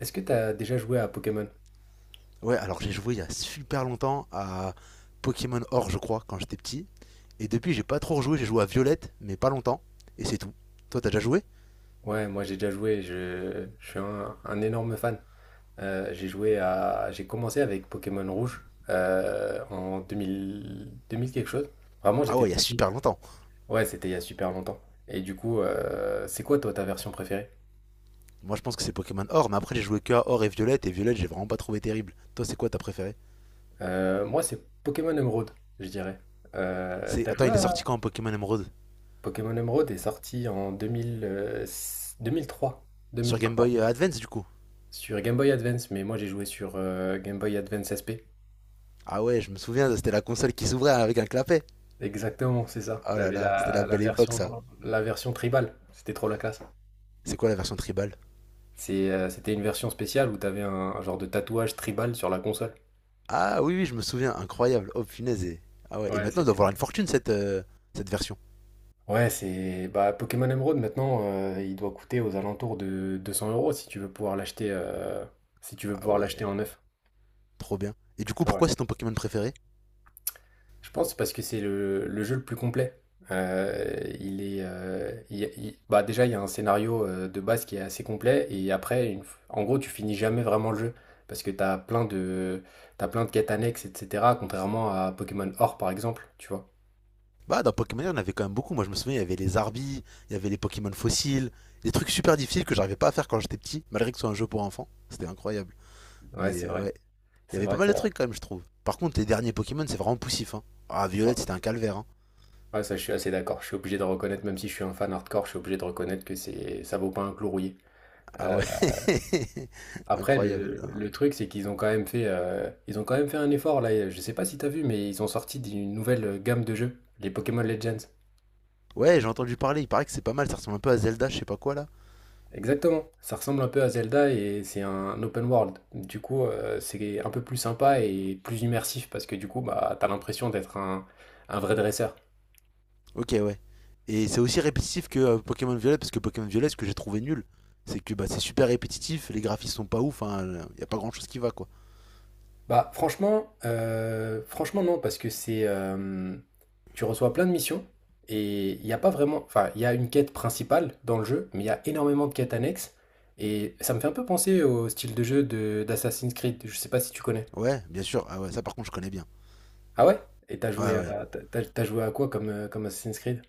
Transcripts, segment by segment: Est-ce que t'as déjà joué à Pokémon? Ouais, alors j'ai joué il y a super longtemps à Pokémon Or, je crois, quand j'étais petit. Et depuis, j'ai pas trop rejoué. J'ai joué à Violette, mais pas longtemps. Et c'est tout. Toi, t'as déjà joué? Ouais, moi j'ai déjà joué, je suis un énorme fan. J'ai joué à, j'ai commencé avec Pokémon Rouge, en deux mille quelque chose. Vraiment, Ah j'étais ouais, il y tout a petit. super longtemps. Ouais, c'était il y a super longtemps. Et du coup, c'est quoi toi ta version préférée? Moi, je pense que c'est Pokémon Or, mais après, j'ai joué que à Or et Violette. Et Violette, j'ai vraiment pas trouvé terrible. Toi, c'est quoi ta préférée? Moi, c'est Pokémon Emeraude, je dirais. C'est... T'as Attends, joué il est sorti à quand Pokémon Emerald? Pokémon Emeraude est sorti en 2000, deux mille trois deux Sur mille Game trois Boy Advance, du coup? sur Game Boy Advance, mais moi j'ai joué sur Game Boy Advance SP. Ah ouais, je me souviens, c'était la console qui s'ouvrait avec un clapet. Exactement, c'est ça. Oh là J'avais là, c'était la la la belle époque, version ça. la version tribale. C'était trop la classe. C'est quoi la version tribal? C'est, c'était une version spéciale où t'avais un genre de tatouage tribal sur la console. Ah oui, oui, je me souviens. Incroyable. Oh, punaise. Ah ouais, et Ouais, maintenant, elle doit c'était valoir une fortune, cette, cette version. ouais, c'est bah, Pokémon Emeraude maintenant, il doit coûter aux alentours de 200 euros si tu veux pouvoir l'acheter, si tu veux Ah pouvoir ouais, l'acheter en neuf. trop bien. Et du coup, Ouais. pourquoi c'est ton Pokémon préféré? Je pense parce que c'est le jeu le plus complet. Il est, il y a- il- bah déjà, il y a un scénario, de base qui est assez complet et après, en gros, tu finis jamais vraiment le jeu parce que tu as plein de, t'as plein de quêtes annexes, etc. Contrairement à Pokémon Or, par exemple, tu vois. Bah, dans Pokémon, il y en avait quand même beaucoup. Moi, je me souviens, il y avait les Arbis, il y avait les Pokémon fossiles, des trucs super difficiles que j'arrivais pas à faire quand j'étais petit, malgré que ce soit un jeu pour enfants. C'était incroyable. Ouais, Mais c'est vrai. ouais, il y C'est avait pas vrai, mal c'est de vrai. trucs quand même, je trouve. Par contre, les derniers Pokémon, c'est vraiment poussif, hein. Ah, Ouais, Violette, c'était un calvaire, hein. ouais, ça, je suis assez d'accord. Je suis obligé de reconnaître, même si je suis un fan hardcore, je suis obligé de reconnaître que c'est, ça vaut pas un clou rouillé. Ah Euh, ouais, Après, incroyable, le, hein. le truc, c'est qu'ils ont quand même fait, ils ont quand même fait un effort là. Je sais pas si t'as vu, mais ils ont sorti d'une nouvelle gamme de jeux, les Pokémon Legends. Ouais, j'ai entendu parler, il paraît que c'est pas mal, ça ressemble un peu à Zelda, je sais pas quoi là. Exactement. Ça ressemble un peu à Zelda et c'est un open world. Du coup, c'est un peu plus sympa et plus immersif parce que du coup, bah, t'as l'impression d'être un vrai dresseur. Ok, ouais. Et c'est aussi répétitif que Pokémon Violet? Parce que Pokémon Violet, ce que j'ai trouvé nul, c'est que bah, c'est super répétitif, les graphismes sont pas ouf, il y a pas grand chose qui va, quoi. Bah, franchement, franchement non, parce que c'est, tu reçois plein de missions et il n'y a pas vraiment. Enfin, il y a une quête principale dans le jeu, mais il y a énormément de quêtes annexes. Et ça me fait un peu penser au style de jeu de d'Assassin's Creed. Je sais pas si tu connais. Ouais, bien sûr, ah ouais, ça par contre, je connais bien. Ah ouais? Et Ouais, ouais. T'as joué à quoi comme, comme Assassin's Creed?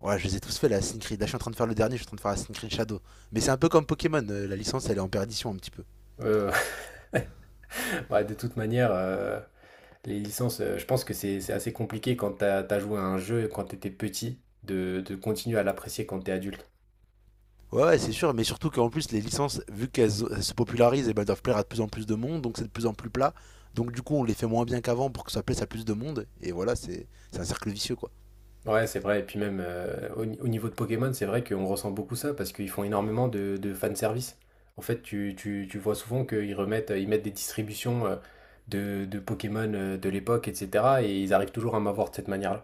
Ouais, je les ai tous fait, la Assassin's. Je suis en train de faire le dernier, je suis en train de faire la Creed Shadow. Mais c'est un peu comme Pokémon, la licence, elle est en perdition un petit peu. Euh, ouais, de toute manière, les licences, je pense que c'est assez compliqué quand t'as joué à un jeu quand t'étais petit de continuer à l'apprécier quand t'es adulte. Ouais, ouais, c'est sûr, mais surtout qu'en plus, les licences, vu qu'elles se popularisent, eh ben, elles doivent plaire à de plus en plus de monde, donc c'est de plus en plus plat. Donc du coup, on les fait moins bien qu'avant pour que ça plaise à plus de monde, et voilà, c'est un cercle vicieux, quoi. Ouais, c'est vrai et puis même, au ni au niveau de Pokémon, c'est vrai qu'on ressent beaucoup ça parce qu'ils font énormément de fanservice. En fait, tu vois souvent qu'ils remettent ils mettent des distributions, de Pokémon, de l'époque et cetera et ils arrivent toujours à m'avoir de cette manière-là.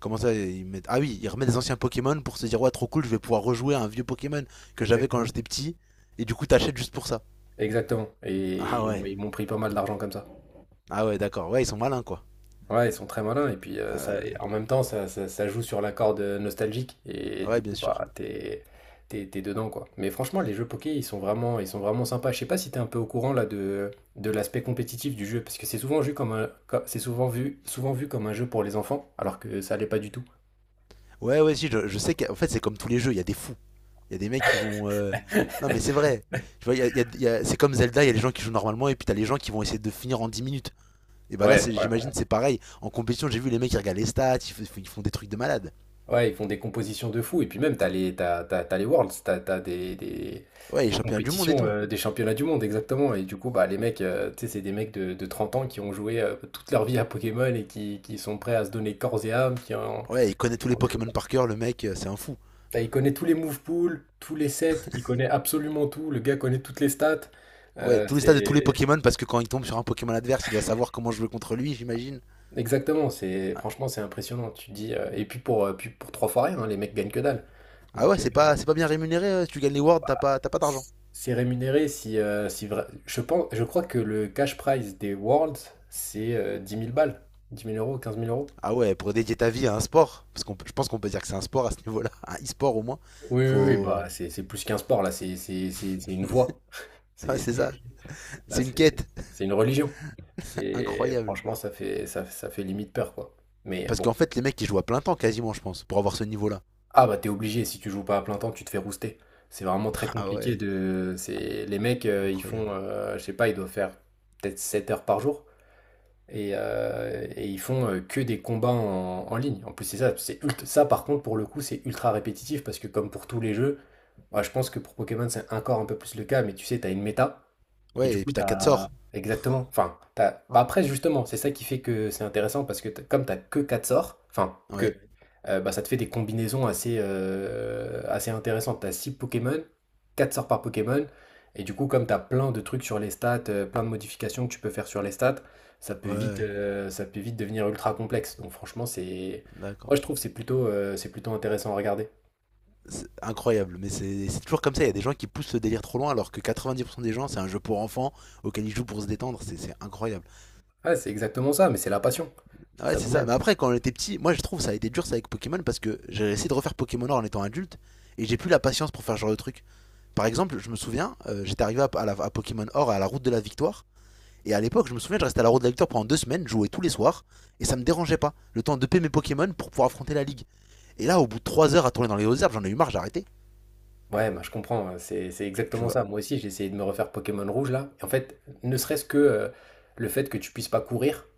Comment ça, ils mettent... Ah oui, ils remettent des anciens Pokémon pour se dire, ouais, trop cool, je vais pouvoir rejouer à un vieux Pokémon que j'avais quand Exactement. j'étais petit. Et du coup, t'achètes juste pour ça. Exactement et Ah ils ouais. m'ont ils m'ont pris pas mal d'argent comme ça. Ah ouais, d'accord. Ouais, ils sont malins, quoi. Ouais, ils sont très malins et puis, ça Euh, et en même temps ça joue sur la corde nostalgique et Ouais, du bien coup, sûr. bah, t'es dedans, quoi. Mais franchement, les jeux poké, ils sont vraiment sympas. Je sais pas si t'es un peu au courant là de l'aspect compétitif du jeu. Parce que c'est souvent vu comme un co c'est souvent vu comme un jeu pour les enfants, alors que ça l'est pas du tout. Ouais, ouais, si, je sais qu'en fait, c'est comme tous les jeux, il y a des fous. Il y a des mecs qui vont... non, mais c'est vrai. Tu vois, il y a- il y a- il y a- c'est comme Zelda, il y a les gens qui jouent normalement et puis t'as les gens qui vont essayer de finir en 10 minutes. Et bah là, Ouais, ouais. j'imagine, c'est pareil. En compétition, j'ai vu les mecs qui regardent les stats, ils font des trucs de malade. Ouais, ils font des compositions de fou. Et puis même, t'as les Worlds, t'as t'as des, des, Ouais, il des est champion du monde et compétitions, tout. Des championnats du monde, exactement. Et du coup, bah, les mecs, tu sais, c'est des mecs de 30 ans qui ont joué, toute leur vie à Pokémon et qui sont prêts à se donner corps et âme. Ouais, il connaît tous les En jeu, Pokémon quoi. par cœur, le mec, c'est un fou. Il connaît tous les move pools, tous les sets, il connaît absolument tout. Le gars connaît toutes les stats. Ouais, tous les stats de tous les C'est Pokémon parce que quand il tombe sur un Pokémon adverse, il doit savoir comment jouer contre lui, j'imagine. exactement, c'est franchement, c'est impressionnant. Tu te dis, et puis pour trois fois rien, hein, les mecs gagnent que dalle. Ah Donc, ouais, c'est pas bien rémunéré. Si tu gagnes les Worlds, t'as pas d'argent. c'est rémunéré si, je pense, je crois que le cash prize des Worlds, c'est 10 000 balles, 10 000 euros, 15 000 euros. Ah ouais, pour dédier ta vie à un sport, parce qu'je pense qu'on peut dire que c'est un sport à ce niveau-là, un e-sport au moins. Oui, oui, oui, Faut, bah c'est plus qu'un sport là, c'est une voie, ouais, c'est ça. c'est- là C'est une quête c'est une religion. C'est incroyable. franchement ça fait ça fait limite peur, quoi. Mais Parce bon, qu'en fait, les mecs ils jouent à plein temps quasiment, je pense, pour avoir ce niveau-là. ah bah t'es obligé, si tu joues pas à plein temps, tu te fais rouster. C'est vraiment très Ah compliqué ouais, de, c'est les mecs, ils font, incroyable. Je sais pas, ils doivent faire peut-être 7 heures par jour. Et, ils font que des combats en ligne. En plus, c'est ça, c'est ça par contre pour le coup, c'est ultra répétitif parce que comme pour tous les jeux, moi, je pense que pour Pokémon c'est encore un peu plus le cas, mais tu sais, t'as une méta et Ouais, du et coup, puis t'as quatre t'as... sorts. Exactement. Enfin, t'as... bah après, justement, c'est ça qui fait que c'est intéressant parce que comme t'as que 4 sorts, enfin, Ouais, que, bah, ça te fait des combinaisons assez, assez intéressantes. T'as 6 Pokémon, 4 sorts par Pokémon. Et du coup, comme t'as plein de trucs sur les stats, plein de modifications que tu peux faire sur les stats, ouais, ça peut vite devenir ultra complexe. Donc franchement, c'est... d'accord. Moi, je trouve que c'est plutôt intéressant à regarder. C'est incroyable, mais c'est toujours comme ça. Il y a des gens qui poussent le délire trop loin, alors que 90% des gens, c'est un jeu pour enfants auquel ils jouent pour se détendre. C'est incroyable. Ouais, c'est exactement ça, mais c'est la passion. C'est Ah ouais, ça c'est qu'on ça. aime. Mais après, quand on était petit, moi je trouve ça a été dur ça avec Pokémon parce que j'ai essayé de refaire Pokémon Or en étant adulte et j'ai plus la patience pour faire ce genre de truc. Par exemple, je me souviens, j'étais arrivé à Pokémon Or à la route de la victoire. Et à l'époque, je me souviens, je restais à la route de la victoire pendant 2 semaines, je jouais tous les soirs, et ça me dérangeait pas. Le temps de payer mes Pokémon pour pouvoir affronter la ligue. Et là, au bout de 3 heures à tourner dans les hautes herbes, j'en ai eu marre, j'ai arrêté. Ouais, bah, je comprends, hein, c'est Tu exactement vois. ça. Moi aussi, j'ai essayé de me refaire Pokémon Rouge là. Et en fait, ne serait-ce que, le fait que tu puisses pas courir,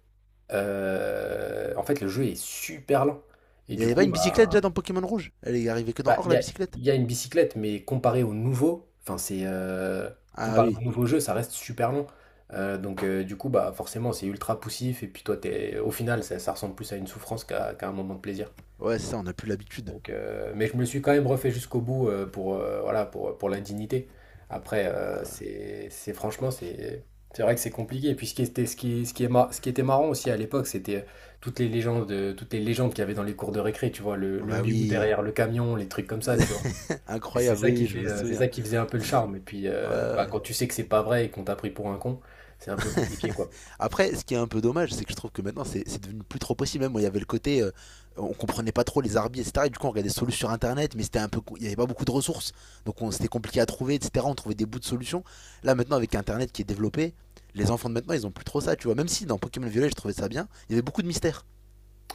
en fait, le jeu est super lent. Et Il y du avait pas coup, une bicyclette bah, déjà dans Pokémon Rouge? Elle est arrivée que dans bah, il Or, y la a, bicyclette? il y a une bicyclette, mais comparé au nouveau, enfin, c'est, Ah comparé au oui, nouveau jeu, ça reste super long. Donc, du coup, bah, forcément, c'est ultra poussif. Et puis, toi, t'es, au final, ça ressemble plus à une souffrance qu'à qu'à un moment de plaisir. ouais, c'est ça, on n'a plus l'habitude. Donc, mais je me suis quand même refait jusqu'au bout, pour, voilà, pour l'indignité. Après, c'est, franchement, c'est, vrai que c'est compliqué. Et puis ce qui était, ce qui est mar- ce qui était marrant aussi à l'époque, c'était toutes les légendes qu'il y avait dans les cours de récré, tu vois, Ah le bah miou oui, derrière le camion, les trucs comme ça, tu vois. Et incroyable, oui, oui, je me c'est souviens. ça qui faisait un peu le charme. Et puis, Ouais, ouais, bah, ouais. quand tu sais que c'est pas vrai et qu'on t'a pris pour un con, c'est un peu compliqué, quoi. Après, ce qui est un peu dommage, c'est que je trouve que maintenant, c'est devenu plus trop possible. Même, il y avait le côté, on comprenait pas trop les arbitres, etc. Et du coup, on regardait des solutions sur Internet, mais c'était un peu, il y avait pas beaucoup de ressources. Donc, c'était compliqué à trouver, etc. On trouvait des bouts de solutions. Là, maintenant, avec Internet qui est développé, les enfants de maintenant, ils ont plus trop ça, tu vois. Même si dans Pokémon Violet, je trouvais ça bien, il y avait beaucoup de mystères.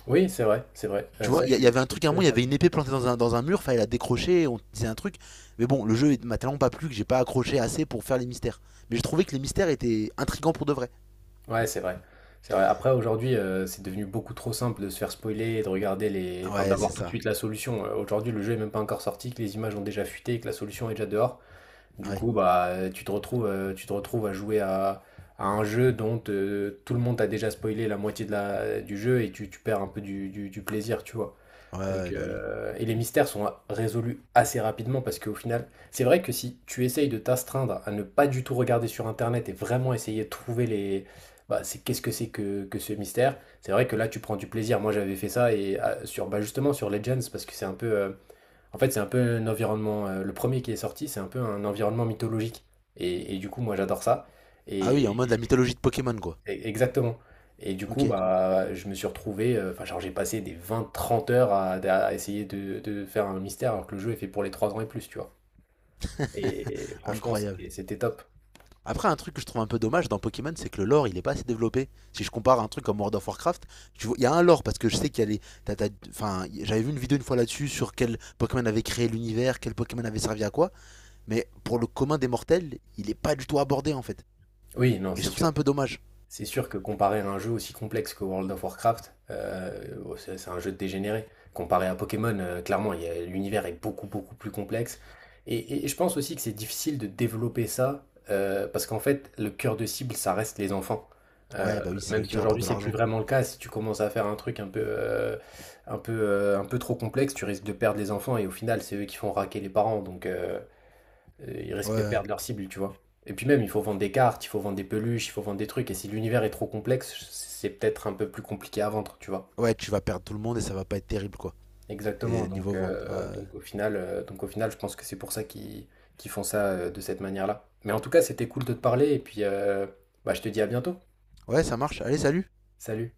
Oui, c'est vrai, c'est vrai. Tu vois, Ça, je y avait un truc à un moment, il y avait une épée plantée dans dans un mur, fallait la décrocher, on disait un truc. Mais bon, le jeu m'a tellement pas plu que j'ai pas accroché assez pour faire les mystères. Mais j'ai trouvé que les mystères étaient intrigants pour de vrai. Ouais, c'est vrai. C'est vrai. Après, aujourd'hui, c'est devenu beaucoup trop simple de se faire spoiler, et de regarder les... Enfin, Ouais, c'est d'avoir tout de ça. suite la solution. Aujourd'hui, le jeu est même pas encore sorti, que les images ont déjà fuité, que la solution est déjà dehors. Du Ouais. coup, bah, tu te retrouves à jouer à, un jeu dont, tout le monde a déjà spoilé la moitié de la... du jeu et tu perds un peu du plaisir, tu vois. Ouais, Donc, ouais, bah oui. Et les mystères sont résolus assez rapidement parce qu'au final, c'est vrai que si tu essayes de t'astreindre à ne pas du tout regarder sur Internet et vraiment essayer de trouver les... Bah, c'est qu'est-ce que c'est que ce mystère, c'est vrai que là tu prends du plaisir. Moi j'avais fait ça et ah, sur bah, justement sur Legends parce que c'est un peu... en fait c'est un peu un environnement... le premier qui est sorti, c'est un peu un environnement mythologique. Et, du coup moi j'adore ça. Ah oui, en Et, mode la mythologie de Pokémon, quoi. Exactement. Et du coup, Ok. bah, je me suis retrouvé, enfin, genre, j'ai passé des vingt, trente heures à, essayer de faire un mystère alors que le jeu est fait pour les 3 ans et plus, tu vois. Et franchement, Incroyable. C'était top. Après, un truc que je trouve un peu dommage dans Pokémon, c'est que le lore, il est pas assez développé. Si je compare un truc comme World of Warcraft, tu vois, il y a un lore parce que je sais qu'il y a enfin, j'avais vu une vidéo une fois là-dessus sur quel Pokémon avait créé l'univers, quel Pokémon avait servi à quoi. Mais pour le commun des mortels, il est pas du tout abordé en fait. Oui, non, Et je c'est trouve ça sûr. un peu dommage. C'est sûr que comparer à un jeu aussi complexe que World of Warcraft, bon, c'est un jeu de dégénéré. Comparé à Pokémon, clairement, l'univers est beaucoup, beaucoup plus complexe. Et, je pense aussi que c'est difficile de développer ça, parce qu'en fait, le cœur de cible, ça reste les enfants. Ouais, bah oui, c'est eux Même si qui rapportent aujourd'hui, de c'est plus l'argent. vraiment le cas, si tu commences à faire un truc un peu, un peu trop complexe, tu risques de perdre les enfants, et au final, c'est eux qui font raquer les parents. Donc, ils risquent Ouais, de ouais, perdre leur cible, tu vois. Et puis même, il faut vendre des cartes, il faut vendre des peluches, il faut vendre des trucs. Et si l'univers est trop complexe, c'est peut-être un peu plus compliqué à vendre, tu vois. ouais, tu vas perdre tout le monde et ça va pas être terrible quoi. Exactement. Et niveau Donc, vente. Ouais, ouais, donc au final, je pense que c'est pour ça qu'ils qu'ils font ça, de cette manière-là. Mais en tout cas, c'était cool de te parler. Et puis, bah, je te dis à bientôt. ouais, ça marche. Allez, salut. Salut.